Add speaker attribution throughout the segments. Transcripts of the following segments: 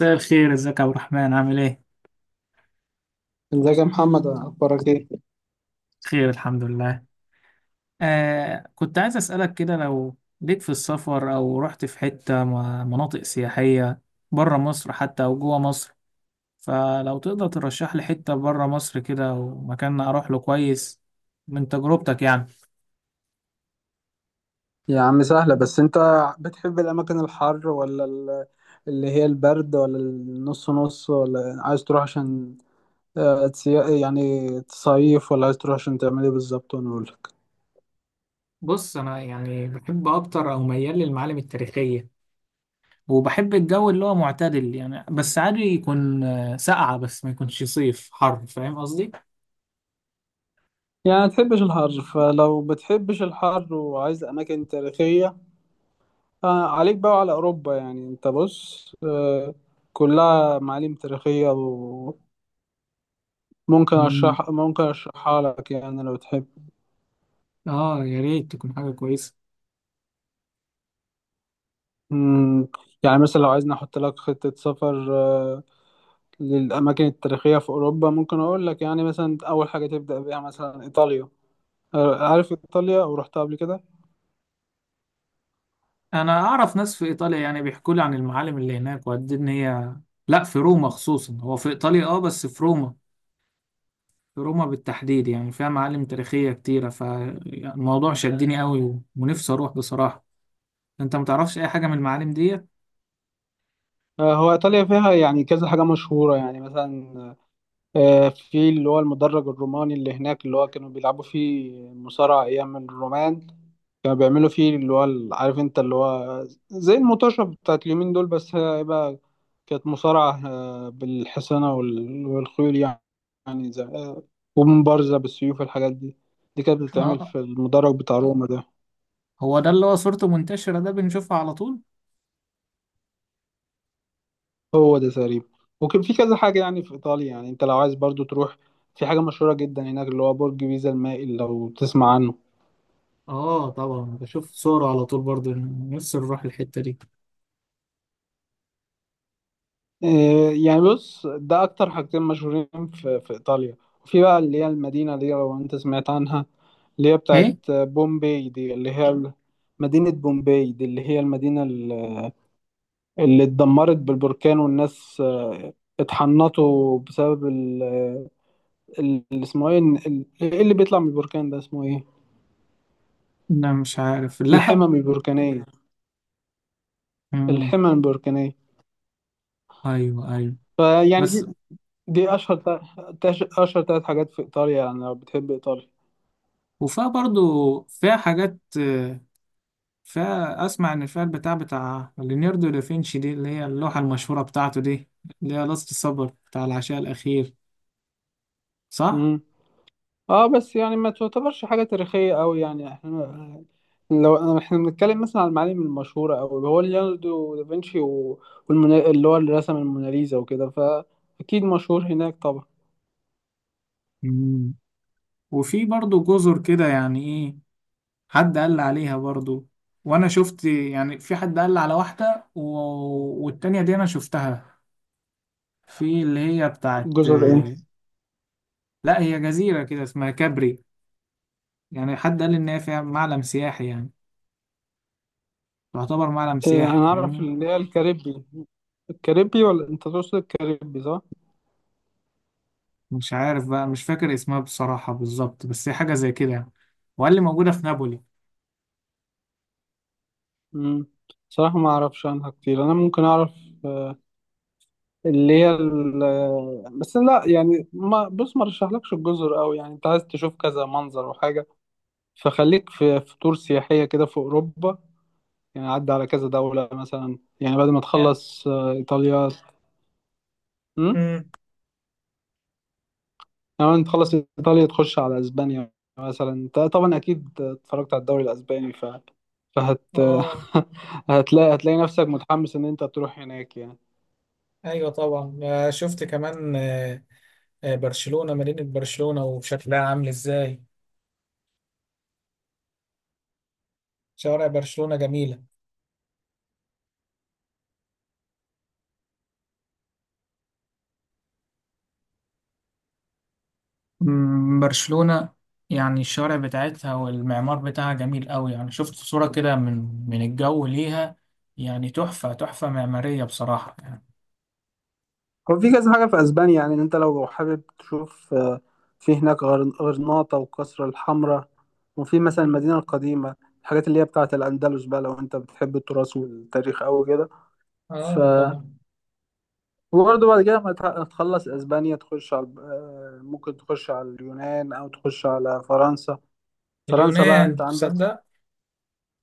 Speaker 1: مساء الخير، ازيك يا عبد الرحمن؟ عامل ايه؟
Speaker 2: ازيك يا محمد، اخبارك ايه؟
Speaker 1: خير، الحمد لله. كنت عايز اسألك كده، لو ليك في السفر او رحت في حتة مناطق سياحية بره مصر حتى او جوه مصر، فلو تقدر ترشح لي حتة بره مصر كده ومكان اروح له كويس من تجربتك يعني.
Speaker 2: يا عم سهلة. بس انت بتحب الاماكن الحر ولا اللي هي البرد ولا النص نص، ولا عايز تروح عشان يعني تصيف، ولا عايز تروح عشان تعمل ايه بالظبط وانا اقولك؟
Speaker 1: بص، انا يعني بحب اكتر او ميال للمعالم التاريخيه، وبحب الجو اللي هو معتدل يعني، بس عادي يكون ساقعة، بس ما يكونش صيف حر. فاهم قصدي؟
Speaker 2: يعني ما تحبش الحر. فلو بتحبش الحر وعايز اماكن تاريخية، عليك بقى على اوروبا. يعني انت بص، كلها معالم تاريخية. وممكن اشرح ممكن اشرحها لك يعني لو تحب.
Speaker 1: اه، يا ريت تكون حاجة كويسة.
Speaker 2: مم. يعني مثلا لو عايزني احط لك خطة سفر للأماكن التاريخية في أوروبا، ممكن أقول لك يعني مثلا أول حاجة تبدأ بيها مثلا إيطاليا. عارف إيطاليا أو رحتها قبل كده؟
Speaker 1: انا اعرف ناس في ايطاليا يعني بيحكوا لي عن المعالم اللي هناك وقد إيه ان هي، لا، في روما خصوصا، هو في ايطاليا اه، بس في روما. في روما بالتحديد يعني فيها معالم تاريخية كتيرة، فالموضوع شدني قوي ونفسي اروح بصراحة. انت متعرفش اي حاجة من المعالم دي؟
Speaker 2: هو إيطاليا فيها يعني كذا حاجة مشهورة، يعني مثلا في اللي هو المدرج الروماني اللي هناك، اللي هو كانوا بيلعبوا فيه مصارعة أيام الرومان. كانوا بيعملوا فيه اللي هو عارف انت، اللي هو زي المطاشه بتاعت اليومين دول، بس هي بقى كانت مصارعه بالحصانه وال- والخيول يعني. يعني زي آه، ومبارزه بالسيوف، الحاجات دي. دي كانت بتتعمل
Speaker 1: اه،
Speaker 2: في المدرج بتاع روما ده.
Speaker 1: هو ده اللي هو صورته منتشرة، ده بنشوفها على طول.
Speaker 2: هو ده تقريبا. وكان في كذا حاجه يعني في ايطاليا. يعني انت لو عايز برضو تروح، في حاجه مشهوره جدا هناك اللي هو برج بيزا المائل، لو تسمع عنه.
Speaker 1: اه طبعا، بشوف صوره على طول برضه. نفسي نروح الحتة دي.
Speaker 2: إيه، يعني بص، ده اكتر حاجتين مشهورين في ايطاليا. وفي بقى اللي هي المدينه دي، لو انت سمعت عنها، اللي هي بتاعت
Speaker 1: ايه.
Speaker 2: بومبي دي، اللي هي مدينه بومبي دي، اللي هي المدينه اللي اتدمرت بالبركان، والناس اتحنطوا بسبب اللي اسمه ايه، ايه اللي بيطلع من البركان ده اسمه ايه؟
Speaker 1: لا، مش عارف. اللهب؟
Speaker 2: الحمم البركانيه.
Speaker 1: مم.
Speaker 2: الحمم البركانيه.
Speaker 1: ايوه، ايوه.
Speaker 2: فيعني
Speaker 1: بس.
Speaker 2: دي. دي اشهر اشهر ثلاث حاجات في ايطاليا، يعني لو بتحب ايطاليا.
Speaker 1: وفيها برضو، فيها حاجات فيها، أسمع إن فيها البتاع بتاع ليوناردو دافنشي دي، اللي هي اللوحة المشهورة بتاعته دي، اللي هي لاست سبر بتاع العشاء الأخير، صح؟
Speaker 2: اه بس يعني ما تعتبرش حاجة تاريخية قوي. يعني احنا، لو بنتكلم مثلا عن المعالم المشهورة أوي، هو ليوناردو دافنشي اللي هو اللي رسم الموناليزا وكده، فأكيد مشهور هناك طبعا.
Speaker 1: مم. وفي برضو جزر كده، يعني إيه؟ حد قال لي عليها برضو، وأنا شفت يعني، في حد قال لي على واحدة والتانية دي أنا شفتها، في اللي هي بتاعت
Speaker 2: جزر ايه؟
Speaker 1: لا، هي جزيرة كده اسمها كابري. يعني حد قال لي إن هي فيها معلم سياحي يعني، تعتبر معلم سياحي،
Speaker 2: أنا أعرف
Speaker 1: فاهمني؟
Speaker 2: اللي هي الكاريبي. ولا أنت تقصد الكاريبي، صح؟
Speaker 1: مش عارف بقى، مش فاكر اسمها بصراحة بالظبط، بس هي حاجة زي كده يعني. وقال لي موجودة في نابولي.
Speaker 2: مم. صراحة ما أعرفش عنها كتير. أنا ممكن أعرف اللي هي بس لا، يعني ما بص، ما رشحلكش الجزر أوي. يعني أنت عايز تشوف كذا منظر وحاجة، فخليك في تور سياحية كده في أوروبا. يعني عدى على كذا دولة مثلا، يعني بعد ما
Speaker 1: يا
Speaker 2: تخلص إيطاليا. امم
Speaker 1: امم.
Speaker 2: يعني بعد ما تخلص إيطاليا، تخش على أسبانيا. مثلا أنت طبعا أكيد اتفرجت على الدوري الأسباني ف... فهت
Speaker 1: اه،
Speaker 2: هتلاقي نفسك متحمس إن أنت تروح هناك يعني.
Speaker 1: ايوه طبعا. شفت كمان، برشلونة. مدينة برشلونة وشكلها عامل ازاي، شوارع برشلونة جميلة. مم، برشلونة. يعني الشوارع بتاعتها والمعمار بتاعها جميل قوي يعني، شفت صورة كده من الجو ليها، يعني تحفة، تحفة معمارية بصراحة يعني.
Speaker 2: هو في كذا حاجة في أسبانيا. يعني إن أنت لو حابب تشوف في هناك غرناطة والقصر الحمراء. وفي مثلا المدينة القديمة، الحاجات اللي هي بتاعة الأندلس بقى، لو أنت بتحب التراث والتاريخ أوي كده. ف
Speaker 1: اه طبعا.
Speaker 2: وبرضه بعد كده ما تح- تخلص أسبانيا، تخش على ممكن تخش على اليونان أو تخش على فرنسا. فرنسا بقى أنت
Speaker 1: اليونان،
Speaker 2: عندك.
Speaker 1: تصدق؟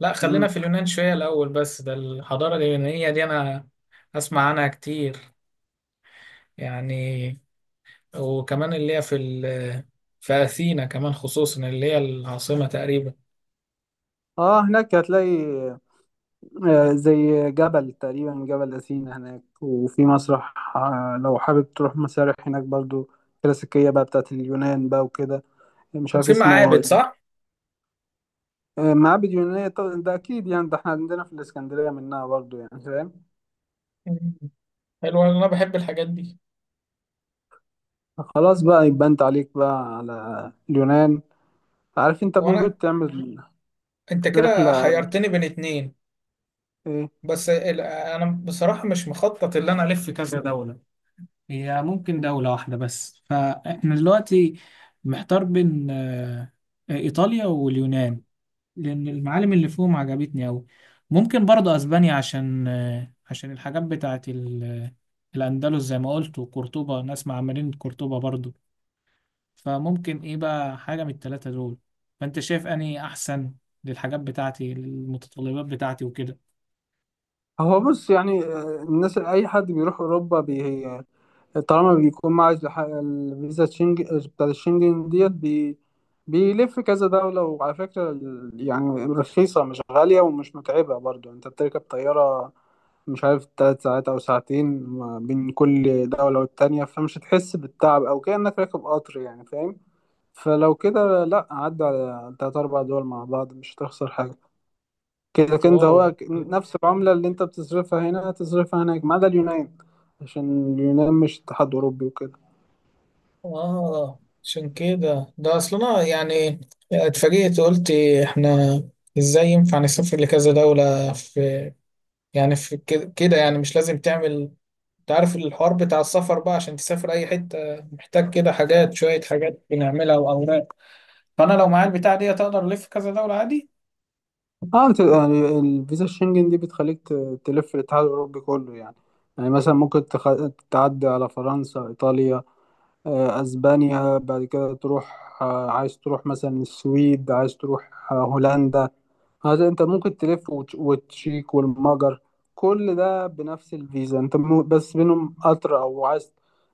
Speaker 1: لا، خلينا
Speaker 2: مم.
Speaker 1: في اليونان شوية الأول، بس ده الحضارة اليونانية دي، أنا أسمع عنها كتير يعني. وكمان اللي هي في أثينا كمان، خصوصا اللي هي العاصمة تقريبا.
Speaker 2: اه هناك هتلاقي زي جبل تقريبا، جبل أثينا هناك. وفي مسرح لو حابب تروح مسارح هناك برضو، كلاسيكية بقى بتاعت اليونان بقى وكده. مش عارف
Speaker 1: وفي
Speaker 2: اسمه
Speaker 1: معابد،
Speaker 2: إيه.
Speaker 1: صح؟
Speaker 2: معابد يونانية، طب ده أكيد. يعني ده احنا عندنا في الإسكندرية منها برضو، يعني فاهم.
Speaker 1: مم. حلو، أنا بحب الحاجات دي.
Speaker 2: خلاص بقى، يبقى أنت عليك بقى على اليونان. عارف أنت
Speaker 1: وأنا
Speaker 2: ممكن تعمل
Speaker 1: أنت كده
Speaker 2: رحلة.
Speaker 1: حيرتني بين اتنين.
Speaker 2: إيه.
Speaker 1: أنا بصراحة مش مخطط اللي أنا ألف في كذا دولة، هي ممكن دولة واحدة بس. فاحنا دلوقتي محتار بين إيطاليا واليونان، لأن المعالم اللي فيهم عجبتني أوي. ممكن برضه أسبانيا، عشان عشان الحاجات بتاعت الأندلس، زي ما قلت، وقرطبة، ناس مع مدينة قرطبة برضه. فممكن إيه بقى حاجة من التلاتة دول؟ فأنت شايف أني أحسن للحاجات بتاعتي، المتطلبات بتاعتي وكده؟
Speaker 2: هو بص، يعني الناس أي حد بيروح أوروبا، طالما بيكون معاه الفيزا بتاعت الشنجن ديت بيلف كذا دولة. وعلى فكرة يعني رخيصة، مش غالية ومش متعبة برضو. يعني انت بتركب طيارة، مش عارف 3 ساعات أو ساعتين ما بين كل دولة والتانية، فمش هتحس بالتعب أو كأنك راكب قطر، يعني فاهم. فلو كده، لأ عدى على 3 أو 4 دول مع بعض، مش هتخسر حاجة. كده كده
Speaker 1: واو.
Speaker 2: هو نفس العملة اللي انت بتصرفها هنا هتصرفها هناك، ما عدا اليونان. عشان اليونان مش اتحاد أوروبي وكده.
Speaker 1: اه، عشان كده ده اصلا يعني، اتفاجئت، قلت احنا ازاي ينفع نسافر لكذا دولة في. يعني في كده كده يعني، مش لازم تعمل. انت عارف الحوار بتاع السفر بقى، عشان تسافر اي حته محتاج كده حاجات، شويه حاجات بنعملها واوراق. فانا لو معايا البتاع دي، اقدر الف كذا دوله عادي.
Speaker 2: اه انت يعني الفيزا الشنجن دي بتخليك تلف الاتحاد الاوروبي كله يعني. يعني مثلا ممكن تعدي على فرنسا، ايطاليا، اسبانيا. بعد كده تروح، عايز تروح مثلا السويد، عايز تروح هولندا. هذا انت ممكن تلف وتش- وتشيك والمجر، كل ده بنفس الفيزا. انت بس بينهم قطر او عايز،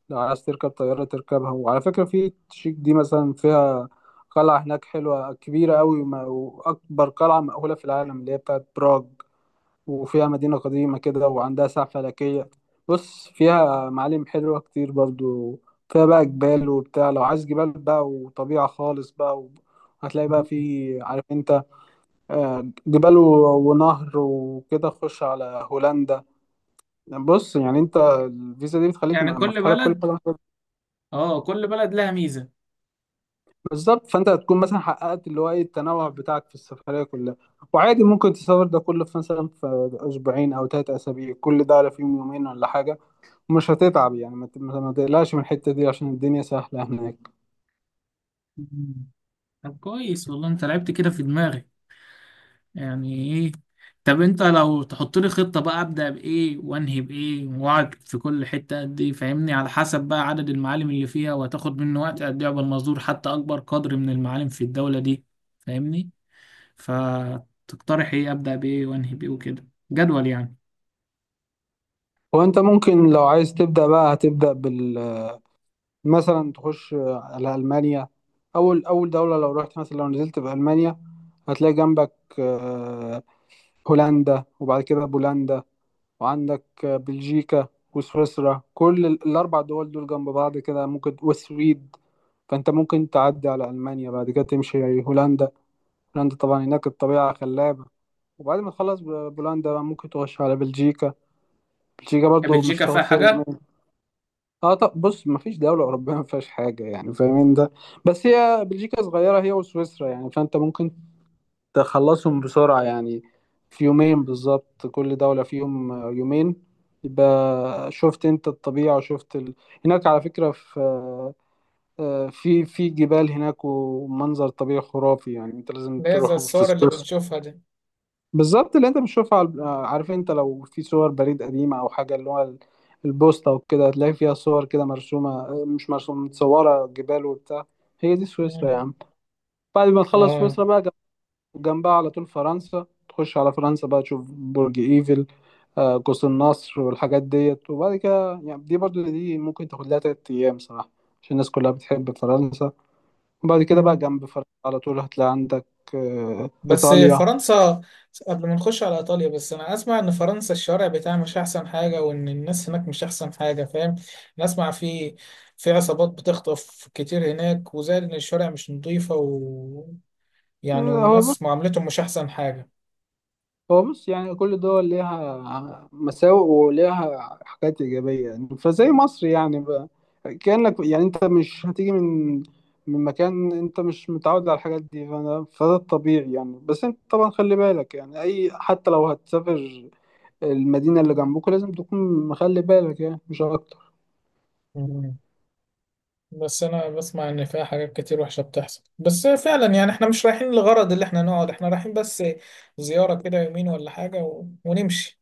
Speaker 2: لو عايز تركب طيارة تركبها. وعلى فكرة في تشيك دي مثلا فيها قلعة هناك حلوة كبيرة قوي، وما- وأكبر قلعة مأهولة في العالم اللي هي بتاعت براغ. وفيها مدينة قديمة كده وعندها ساعة فلكية. بص فيها معالم حلوة كتير برضو. فيها بقى جبال وبتاع، لو عايز جبال بقى وطبيعة خالص بقى، هتلاقي بقى في، عارف انت، جبال و ونهر وكده. تخش على هولندا. بص يعني انت الفيزا دي بتخليك
Speaker 1: يعني كل
Speaker 2: مفتوح لك كل
Speaker 1: بلد،
Speaker 2: حاجه.
Speaker 1: اه، كل بلد لها ميزة.
Speaker 2: بالظبط، فانت هتكون مثلا حققت اللي هو ايه، التنوع بتاعك في السفريه كلها. وعادي ممكن تسافر ده كله في مثلا في اسبوعين او 3 اسابيع، كل ده على فيهم يومين ولا حاجه. ومش هتتعب، يعني ما تقلقش من الحته دي، عشان الدنيا سهله هناك.
Speaker 1: مم. طب كويس والله، انت لعبت كده في دماغي. يعني ايه؟ طب انت لو تحط لي خطة بقى، ابدأ بايه وانهي بايه، واقعد في كل حتة قد ايه، فاهمني، على حسب بقى عدد المعالم اللي فيها، وهتاخد منه وقت قد ايه، قبل ما ازور حتى اكبر قدر من المعالم في الدولة دي. فاهمني؟ فتقترح ايه، ابدا بايه وانهي بايه وكده، جدول يعني.
Speaker 2: وانت ممكن لو عايز تبدا بقى، هتبدا مثلا تخش على ألمانيا. أول أول دولة لو رحت مثلا، لو نزلت في ألمانيا، هتلاقي جنبك آه، هولندا. وبعد كده بولندا. وعندك بلجيكا وسويسرا، كل الأربع دول دول جنب بعض كده، ممكن والسويد. فأنت ممكن تعدي على ألمانيا. بعد كده تمشي هولندا. هولندا طبعا هناك الطبيعة خلابة. وبعد ما تخلص بولندا بقى، ممكن تخش على بلجيكا. بلجيكا
Speaker 1: هي
Speaker 2: برضو مش
Speaker 1: بلجيكا فيها
Speaker 2: هتاخد فيها.
Speaker 1: حاجة؟
Speaker 2: اه طب بص، مفيش دولة أوروبية ما فيهاش حاجة، يعني فاهمين ده. بس هي بلجيكا صغيرة هي وسويسرا يعني، فأنت ممكن تخلصهم بسرعة يعني، في يومين بالظبط، كل دولة فيهم يومين. يبقى شفت أنت الطبيعة وشفت هناك على فكرة في في جبال هناك، ومنظر طبيعي خرافي، يعني أنت لازم
Speaker 1: اللي هي زي
Speaker 2: تروح في
Speaker 1: الصور اللي
Speaker 2: سويسرا.
Speaker 1: بنشوفها دي؟
Speaker 2: بالظبط اللي انت بتشوفها عارف انت لو في صور بريد قديمة او حاجة، اللي هو البوسطة وكده، تلاقي فيها صور كده مرسومة، مش مرسومة، متصورة جبال وبتاع. هي دي سويسرا
Speaker 1: مم.
Speaker 2: يا عم. بعد ما تخلص
Speaker 1: اه.
Speaker 2: سويسرا بقى، جنبها على طول فرنسا. تخش على فرنسا بقى، تشوف برج ايفل، قوس النصر والحاجات ديت. وبعد كده يعني دي، برضو دي ممكن تاخد لها 3 أيام صراحة، عشان الناس كلها بتحب فرنسا. وبعد كده بقى
Speaker 1: مم.
Speaker 2: جنب فرنسا على طول هتلاقي عندك
Speaker 1: بس
Speaker 2: إيطاليا.
Speaker 1: فرنسا، قبل ما نخش على ايطاليا، بس انا اسمع ان فرنسا الشارع بتاعها مش احسن حاجه، وان الناس هناك مش احسن حاجه. فاهم؟ انا اسمع في عصابات بتخطف كتير هناك، وزائد ان الشارع مش نظيفه، و، يعني
Speaker 2: آه، هو
Speaker 1: والناس معاملتهم مش احسن حاجه.
Speaker 2: هو بص، يعني كل دول ليها مساوئ وليها حاجات إيجابية، يعني فزي مصر يعني بقى. كأنك يعني أنت مش هتيجي من مكان، أنت مش متعود على الحاجات دي، فأنا فده الطبيعي يعني. بس أنت طبعا خلي بالك يعني، أي حتى لو هتسافر المدينة اللي جنبك لازم تكون مخلي بالك، يعني مش أكتر.
Speaker 1: بس انا بسمع ان فيها حاجات كتير وحشة بتحصل، بس فعلا يعني احنا مش رايحين لغرض اللي احنا نقعد، احنا رايحين بس زيارة كده، يومين ولا حاجة ونمشي.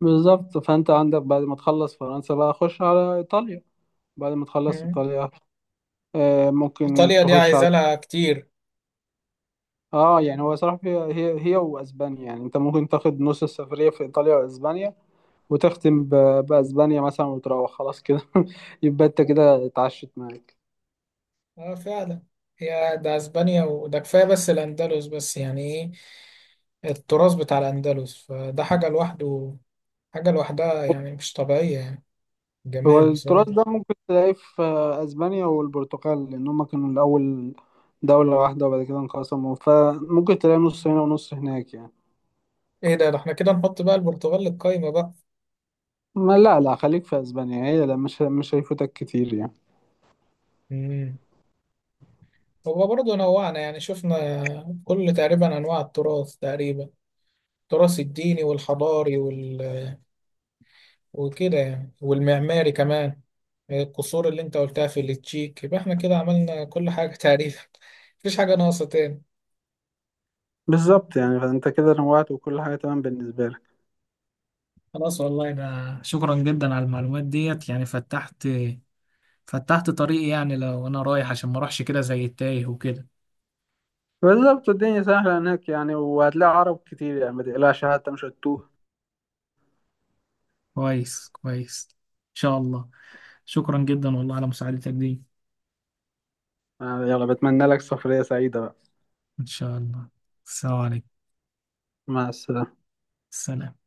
Speaker 2: بالظبط، فأنت عندك بعد ما تخلص فرنسا بقى، خش على إيطاليا. بعد ما تخلص
Speaker 1: مم.
Speaker 2: إيطاليا، ممكن
Speaker 1: ايطاليا دي
Speaker 2: تخش
Speaker 1: عايزة
Speaker 2: على.
Speaker 1: لها كتير.
Speaker 2: اه يعني هو صراحة هي واسبانيا، يعني انت ممكن تاخد نص السفرية في ايطاليا واسبانيا، وتختم باسبانيا مثلا، وتروح خلاص كده يبقى انت كده اتعشت معاك.
Speaker 1: اه فعلا. هي ده اسبانيا، وده كفاية بس الاندلس، بس يعني ايه، التراث بتاع الاندلس، فده حاجة لوحده، حاجة لوحدها يعني، مش طبيعية يعني،
Speaker 2: هو
Speaker 1: جمال
Speaker 2: التراث ده
Speaker 1: بصراحة.
Speaker 2: ممكن تلاقيه في اسبانيا والبرتغال، لان هم كانوا الاول دولة واحدة، وبعد كده انقسموا، فممكن تلاقي نص هنا ونص هناك يعني.
Speaker 1: ايه ده، ده احنا كده نحط بقى البرتغال للقايمة بقى.
Speaker 2: ما لا، لا خليك في اسبانيا. هي لا، مش هيفوتك كتير يعني.
Speaker 1: مم. هو برضه نوعنا يعني، شفنا كل تقريبا أنواع التراث تقريبا، التراث الديني والحضاري وكده يعني، والمعماري كمان، القصور اللي انت قلتها في التشيك. يبقى احنا كده عملنا كل حاجة تقريبا، مفيش حاجة ناقصة تاني.
Speaker 2: بالظبط يعني، فانت كده نوعت وكل حاجة تمام بالنسبة لك.
Speaker 1: خلاص والله، ده شكرا جدا على المعلومات ديت، يعني فتحت طريقي يعني، لو انا رايح عشان ما اروحش كده زي التايه وكده.
Speaker 2: بالظبط، الدنيا سهلة هناك يعني، وهتلاقي عرب كتير يعني، ما تقلقش حتى مش هتتوه.
Speaker 1: كويس، كويس. ان شاء الله. شكرا جدا والله على مساعدتك دي.
Speaker 2: يلا، بتمنى لك سفرية سعيدة بقى.
Speaker 1: ان شاء الله. السلام عليكم.
Speaker 2: مع السلامة.
Speaker 1: سلام.